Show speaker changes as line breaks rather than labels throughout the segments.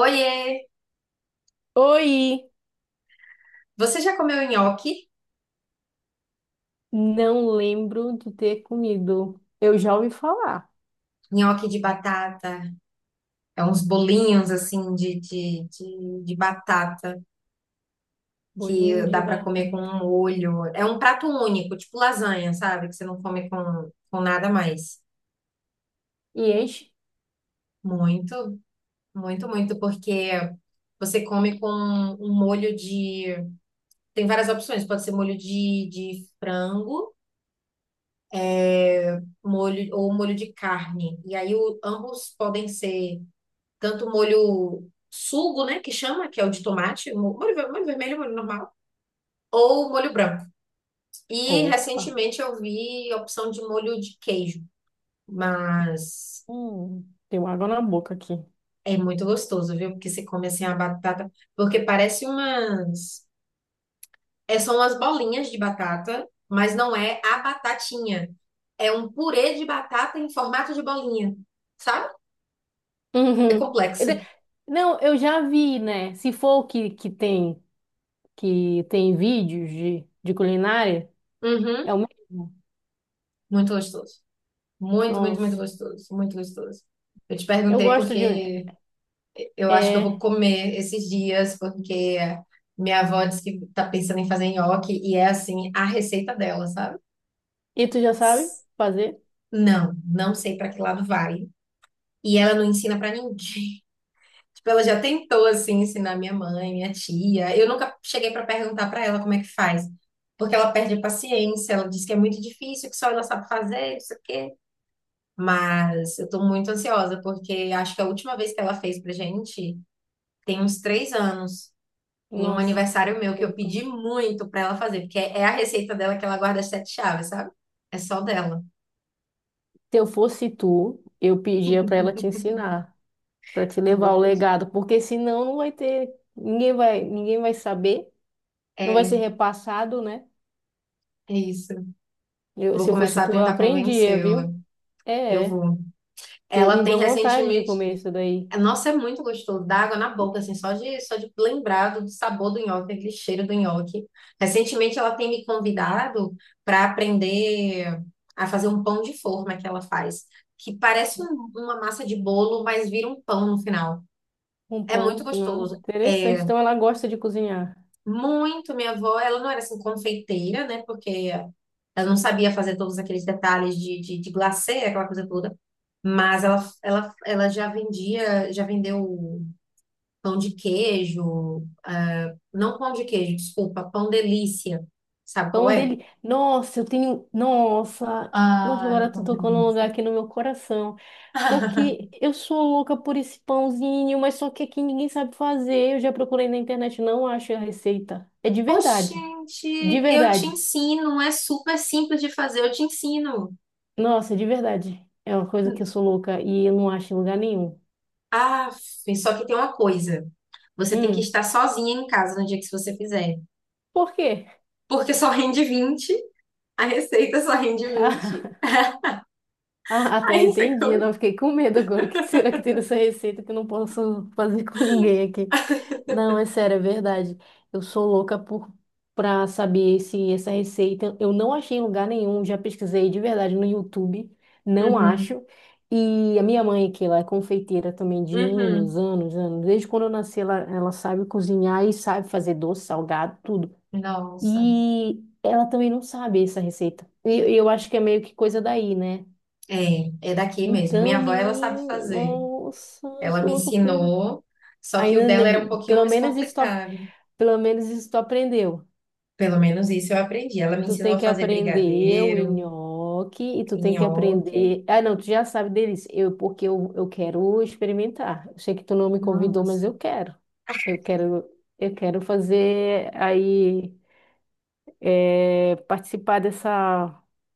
Oiê!
Oi!
Você já comeu nhoque?
Não lembro de ter comido. Eu já ouvi falar.
Nhoque de batata. É uns bolinhos assim de batata
Bolinho
que
de
dá pra comer com
batata.
um molho. É um prato único, tipo lasanha, sabe? Que você não come com nada mais.
E enche.
Muito, muito, muito, porque você come com um molho de. Tem várias opções, pode ser molho de frango, molho ou molho de carne. E aí ambos podem ser. Tanto molho sugo, né, que chama, que é o de tomate, molho, molho vermelho, molho normal, ou molho branco. E
Opa!
recentemente eu vi a opção de molho de queijo, mas
Tem água na boca aqui.
é muito gostoso, viu? Porque você come assim a batata, porque parece umas, são umas bolinhas de batata, mas não é a batatinha. É um purê de batata em formato de bolinha, sabe? É
Uhum.
complexo.
Não, eu já vi, né? Se for o que, que tem vídeos de culinária,
Uhum,
é o mesmo.
muito gostoso. Muito, muito, muito
Nossa,
gostoso. Muito gostoso. Eu te
eu
perguntei
gosto de.
porque eu acho que eu vou
É.
comer esses dias, porque minha avó disse que tá pensando em fazer nhoque e é assim, a receita dela, sabe?
E tu já sabe fazer?
Não, não sei para que lado vai. E ela não ensina para ninguém. Tipo, ela já tentou assim ensinar minha mãe, minha tia. Eu nunca cheguei para perguntar para ela como é que faz, porque ela perde a paciência, ela diz que é muito difícil, que só ela sabe fazer, isso aqui. Mas eu tô muito ansiosa, porque acho que a última vez que ela fez pra gente tem uns 3 anos, em um
Nossa.
aniversário meu, que eu pedi muito pra ela fazer, porque é a receita dela que ela guarda as sete chaves, sabe? É só dela.
Se eu fosse tu, eu pedia pra ela te ensinar, para te
Eu
levar
vou
o
pedir.
legado, porque senão não vai ter, ninguém vai saber, não vai
É
ser repassado, né?
isso.
Eu,
Vou
se eu fosse
começar a
tu, eu
tentar
aprendia,
convencê-la.
viu?
Eu
É, é,
vou.
que
Ela
me
tem
deu vontade de
recentemente.
comer isso daí.
Nossa, é muito gostoso. Dá água na boca, assim, só de lembrar do sabor do nhoque, aquele cheiro do nhoque. Recentemente ela tem me convidado para aprender a fazer um pão de forma que ela faz, que parece uma massa de bolo, mas vira um pão no final.
Um
É
pão
muito
no final.
gostoso.
Interessante.
É
Então ela gosta de cozinhar.
muito. Minha avó, ela não era assim confeiteira, né? Porque ela não sabia fazer todos aqueles detalhes de glacê, aquela coisa toda. Mas ela, ela já vendia, já vendeu. Pão de queijo, ah, não pão de queijo, desculpa, pão delícia. Sabe qual
Pão
é?
dele. Nossa, eu tenho. Nossa! Nossa,
Ai,
agora tu
pão
tocou num lugar
delícia.
aqui no meu coração. Porque
Deus.
eu sou louca por esse pãozinho, mas só que aqui ninguém sabe fazer. Eu já procurei na internet, não acho a receita. É de verdade. De
Oxente, eu te
verdade.
ensino, é super simples de fazer, eu te ensino.
Nossa, de verdade. É uma coisa que eu sou louca e eu não acho em lugar nenhum.
Ah, só que tem uma coisa. Você tem que estar
Hum,
sozinha em casa no dia que você fizer.
por quê?
Porque só rende 20, a receita só rende 20.
Ah, até
Aí você
entendi. Eu não
come.
fiquei com medo agora. O que será que tem nessa receita que eu não posso fazer com ninguém aqui? Não, é sério, é verdade. Eu sou louca por para saber se essa receita. Eu não achei em lugar nenhum. Já pesquisei de verdade no YouTube. Não
Uhum,
acho. E a minha mãe, que ela é confeiteira também de anos,
uhum.
anos, anos. Desde quando eu nasci, ela sabe cozinhar e sabe fazer doce, salgado, tudo.
Nossa.
E ela também não sabe essa receita. E eu acho que é meio que coisa daí, né?
É, é daqui mesmo. Minha
Então,
avó, ela sabe
menino,
fazer.
nossa, eu
Ela
sou
me
louca por isso.
ensinou, só que o
Ainda,
dela era um
ne-
pouquinho
pelo
mais
menos isso, tu-
complicado.
Pelo menos isso tu aprendeu.
Pelo menos isso eu aprendi. Ela me
Tu
ensinou
tem
a
que
fazer
aprender o
brigadeiro,
nhoque e tu tem que
nhoque.
aprender. Ah, não, tu já sabe deles. Porque eu quero experimentar. Eu sei que tu não me convidou, mas
Nossa.
eu quero. Eu quero, eu quero fazer aí, participar dessa,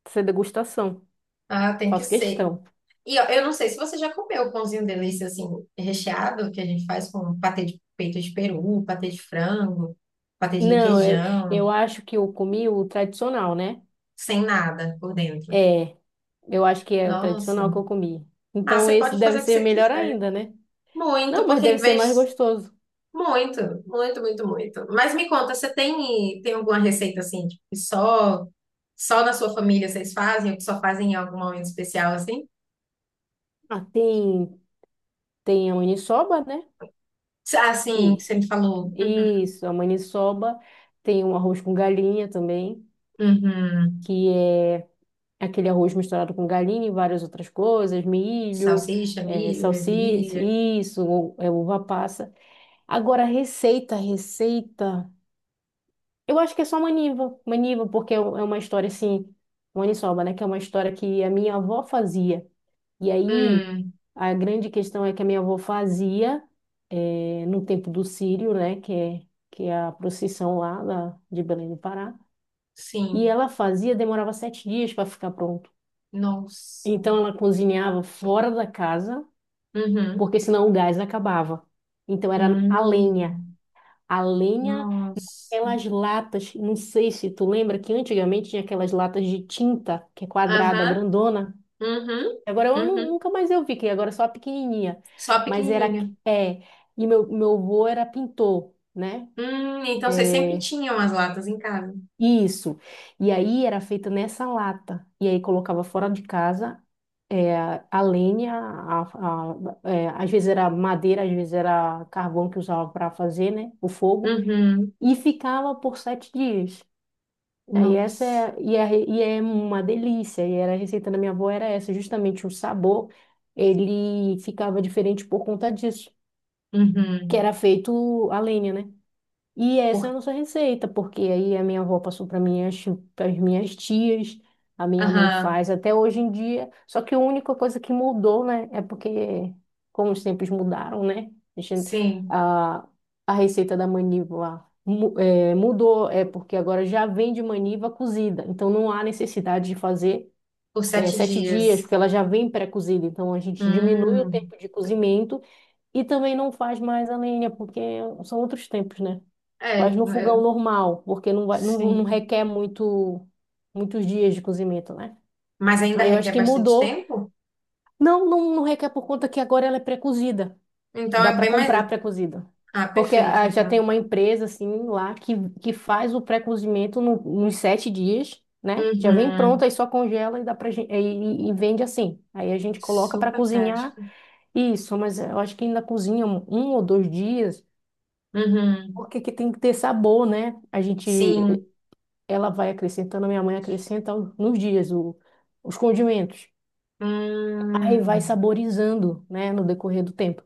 dessa degustação.
Ah, tem que
Faço
ser.
questão.
E ó, eu não sei se você já comeu o pãozinho delícia assim, recheado, que a gente faz com patê de peito de peru, patê de frango, patê de
Não, eu
requeijão,
acho que eu comi o tradicional, né?
sem nada por dentro.
É, eu acho que é o
Nossa.
tradicional que eu comi.
Ah,
Então
você
esse
pode fazer
deve
o que
ser
você
melhor
quiser.
ainda, né?
Muito,
Não, mas
porque em
deve ser mais
vez
gostoso.
muito, muito, muito, muito. Mas me conta, você tem alguma receita assim, tipo, que só na sua família vocês fazem, ou que só fazem em algum momento especial assim?
Ah, tem a maniçoba, né?
Ah, sim, que
Que
você me falou.
isso, a maniçoba. Tem um arroz com galinha também,
Uhum, uhum.
que é aquele arroz misturado com galinha e várias outras coisas, milho,
Salsicha, milho,
salsicha,
ervilha.
isso, é uva passa. Agora, receita, receita. Eu acho que é só Maniva. Maniva, porque é uma história assim, Maniçoba, né? Que é uma história que a minha avó fazia. E aí,
Hum,
a grande questão é que a minha avó fazia no tempo do Círio, né? Que é a procissão lá de Belém do Pará. E
sim.
ela fazia, demorava 7 dias para ficar pronto.
Nossa.
Então, ela cozinhava fora da casa,
Uhum.
porque senão o gás acabava. Então, era a lenha.
Hum,
A lenha.
nossa.
Aquelas latas, não sei se tu lembra que antigamente tinha aquelas latas de tinta, que é quadrada,
Aham.
grandona.
Uhum.
Agora eu nu-
Uhum.
nunca mais eu vi, que agora é só a pequenininha.
Só a
Mas era,
pequenininha.
e meu avô era pintor, né?
Então vocês sempre
É,
tinham as latas em casa.
isso. E aí era feita nessa lata. E aí colocava fora de casa, a lenha, às vezes era madeira, às vezes era carvão que usava para fazer, né? O fogo.
Uhum.
E ficava por 7 dias. Aí essa
Nossa.
é, e é, e é uma delícia. E era a receita da minha avó era essa, justamente o sabor, ele ficava diferente por conta disso, que
Uhum.
era feito a lenha, né? E essa é
Por,
a nossa receita, porque aí a minha avó passou para minhas, tias, a minha mãe
aham,
faz até hoje em dia. Só que a única coisa que mudou, né, é porque como os tempos mudaram, né, a, gente-
sim,
a a receita da maniva mudou, é porque agora já vem de maniva cozida, então não há necessidade de fazer
por sete
7 dias, porque
dias.
ela já vem pré-cozida, então a gente diminui o
Hum,
tempo de cozimento e também não faz mais a lenha, porque são outros tempos, né?
é,
Faz no fogão
eu-
normal, porque não vai, não, não
sim.
requer muitos dias de cozimento, né?
Mas ainda
Aí eu acho
requer
que
bastante
mudou.
tempo?
Não, não, não requer por conta que agora ela é pré-cozida.
Então
Dá
é
para
bem mais.
comprar pré-cozida.
Ah,
Porque
perfeito,
já tem
então.
uma empresa, assim, lá que faz o pré-cozimento nos 7 dias, né? Já vem pronto,
Uhum,
aí só congela e dá pra gente, e vende assim. Aí a gente coloca para
super
cozinhar
prático.
isso, mas eu acho que ainda cozinha um ou dois dias,
Uhum,
porque que tem que ter sabor, né? A gente.
sim.
Ela vai acrescentando, minha mãe acrescenta nos dias os condimentos. Aí vai
Hum,
saborizando, né, no decorrer do tempo.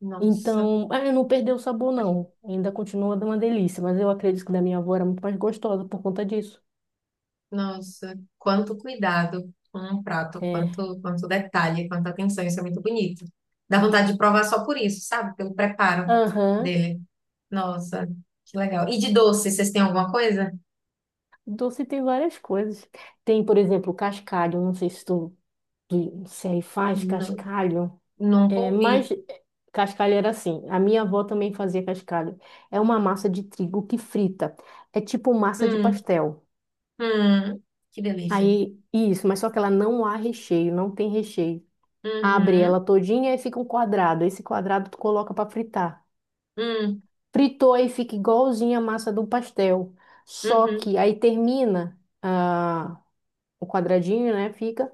nossa.
Então, não perdeu o sabor, não. Ainda continua dando uma delícia, mas eu acredito que da minha avó era muito mais gostosa por conta disso.
Nossa, quanto cuidado com um prato,
É.
quanto, quanto detalhe, quanta atenção, isso é muito bonito. Dá vontade de provar só por isso, sabe? Pelo preparo
Aham.
dele. Nossa, que legal. E de doce, vocês têm alguma coisa?
Doce tem várias coisas. Tem, por exemplo, cascalho. Não sei se se aí faz
Nu-
cascalho.
nunca
É,
ouvi.
mas cascalho era assim. A minha avó também fazia cascalho. É uma massa de trigo que frita. É tipo massa de
Hum,
pastel.
hum, que delícia.
Aí, isso, mas só que ela não há recheio, não tem recheio. Abre
Uhum,
ela todinha e fica um quadrado. Esse quadrado tu coloca para fritar.
hum,
Fritou aí fica igualzinho a massa do pastel. Só
uhum,
que aí termina o quadradinho, né? Fica.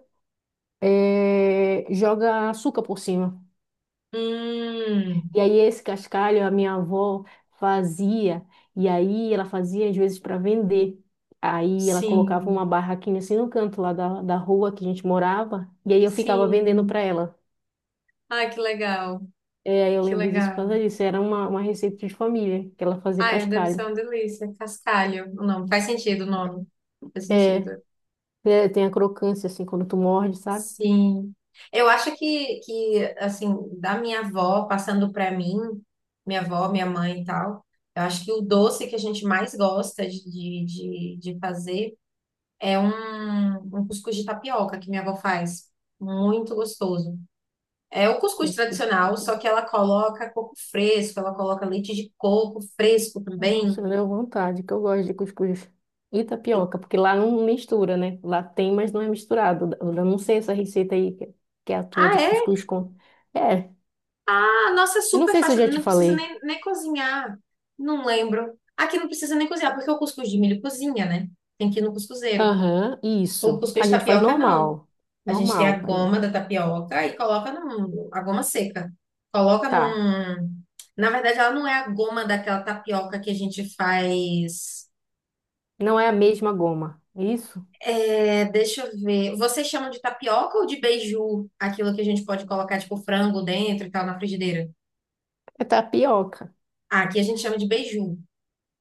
Joga açúcar por cima.
hum.
E aí esse cascalho a minha avó fazia. E aí ela fazia às vezes para vender. Aí ela colocava uma
Sim,
barraquinha assim no canto lá da rua que a gente morava, e aí eu ficava vendendo
sim.
para ela.
Ai, que legal,
É, aí eu
que
lembro disso por
legal.
causa disso. Era uma receita de família, que ela fazia
Ai, deve ser
cascalho.
uma delícia. Cascalho, o nome. Faz sentido o nome. Faz
É,
sentido.
é, tem a crocância, assim, quando tu morde, sabe?
Sim. Eu acho que assim, da minha avó passando para mim, minha avó, minha mãe e tal, eu acho que o doce que a gente mais gosta de, de fazer é um cuscuz de tapioca que minha avó faz. Muito gostoso. É o cuscuz
Cuscuz,
tradicional, só
tapioca.
que ela coloca coco fresco, ela coloca leite de coco fresco também.
Nossa, me deu vontade, que eu gosto de cuscuz. E tapioca, porque lá não mistura, né? Lá tem, mas não é misturado. Eu não sei essa receita aí, que é a tua
Ah,
de
é
cuscuz com... É,
Ah, nossa é
eu não
super
sei se eu
fácil,
já te
não precisa
falei.
nem, nem cozinhar. Não lembro. Aqui não precisa nem cozinhar, porque o cuscuz de milho cozinha, né? Tem que ir no cuscuzeiro.
Aham,
O
isso.
cuscuz
A
de
gente faz
tapioca, não.
normal.
A gente tem a
Normal. Aí.
goma da tapioca e coloca num, a goma seca. Coloca
Tá.
num. Na verdade, ela não é a goma daquela tapioca que a gente faz.
Não é a mesma goma. Isso?
É, deixa eu ver. Vocês chamam de tapioca ou de beiju? Aquilo que a gente pode colocar, tipo, frango dentro e tal, na frigideira?
É tapioca.
Ah, aqui a gente chama de beiju.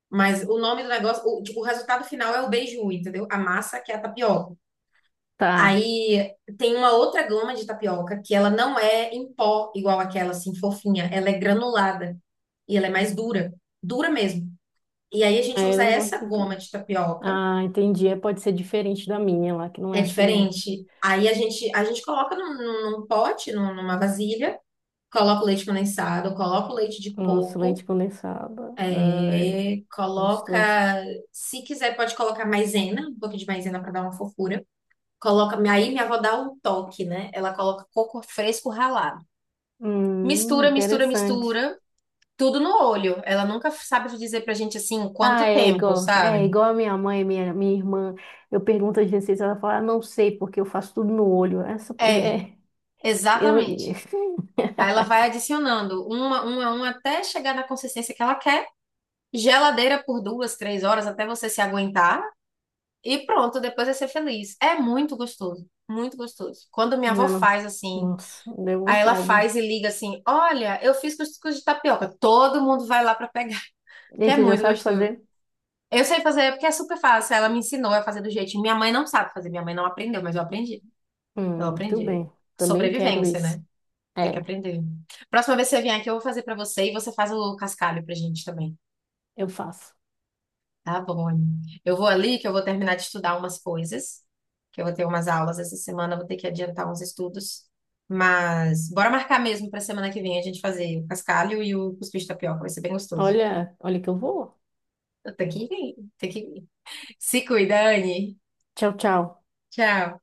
Mas o nome do negócio, o, tipo, o resultado final é o beiju, entendeu? A massa que é a tapioca.
Tá.
Aí tem uma outra goma de tapioca que ela não é em pó igual aquela assim fofinha, ela é granulada e ela é mais dura, dura mesmo. E aí a
Ah,
gente usa
eu não gosto
essa
de
goma
tudo.
de tapioca,
Ah, entendi. É, pode ser diferente da minha lá, que não
é
é assim, não.
diferente. Aí a gente coloca num pote, numa vasilha, coloca o leite condensado, coloca o leite de
Nossa, leite
coco,
condensado. Ai,
coloca,
gostoso.
se quiser pode colocar maisena, um pouquinho de maisena para dar uma fofura. Coloca, aí minha avó dá um toque, né? Ela coloca coco fresco ralado. Mistura, mistura,
Interessante.
mistura. Tudo no olho. Ela nunca sabe dizer pra gente assim
Ah,
quanto
é
tempo,
igual. É
sabe?
igual a minha mãe, minha irmã. Eu pergunto as receitas, ela fala, não sei, porque eu faço tudo no olho.
É,
É, eu,
exatamente. Aí ela vai adicionando uma até chegar na consistência que ela quer. Geladeira por 2, 3 horas até você se aguentar. E pronto, depois é ser feliz. É muito gostoso, muito gostoso. Quando minha
não,
avó
não.
faz assim,
Nossa, deu
aí ela
vontade.
faz e liga assim: olha, eu fiz cuscuz de tapioca. Todo mundo vai lá pra pegar. Que
E
é
tu já
muito
sabe
gostoso.
fazer?
Eu sei fazer porque é super fácil. Ela me ensinou a fazer do jeitinho. Minha mãe não sabe fazer, minha mãe não aprendeu, mas eu aprendi. Eu
Tudo
aprendi.
bem. Também quero
Sobrevivência, né?
isso.
Tem que
É,
aprender. Próxima vez que você vier aqui, eu vou fazer pra você e você faz o cascalho pra gente também.
eu faço.
Tá bom, Anny? Eu vou ali que eu vou terminar de estudar umas coisas, que eu vou ter umas aulas essa semana, eu vou ter que adiantar uns estudos. Mas bora marcar mesmo pra semana que vem a gente fazer o cascalho e o cuscuz de tapioca, vai ser bem gostoso.
Olha, olha que eu vou.
Tem que ir, tem que ir. Se cuida, Anne.
Tchau, tchau.
Tchau.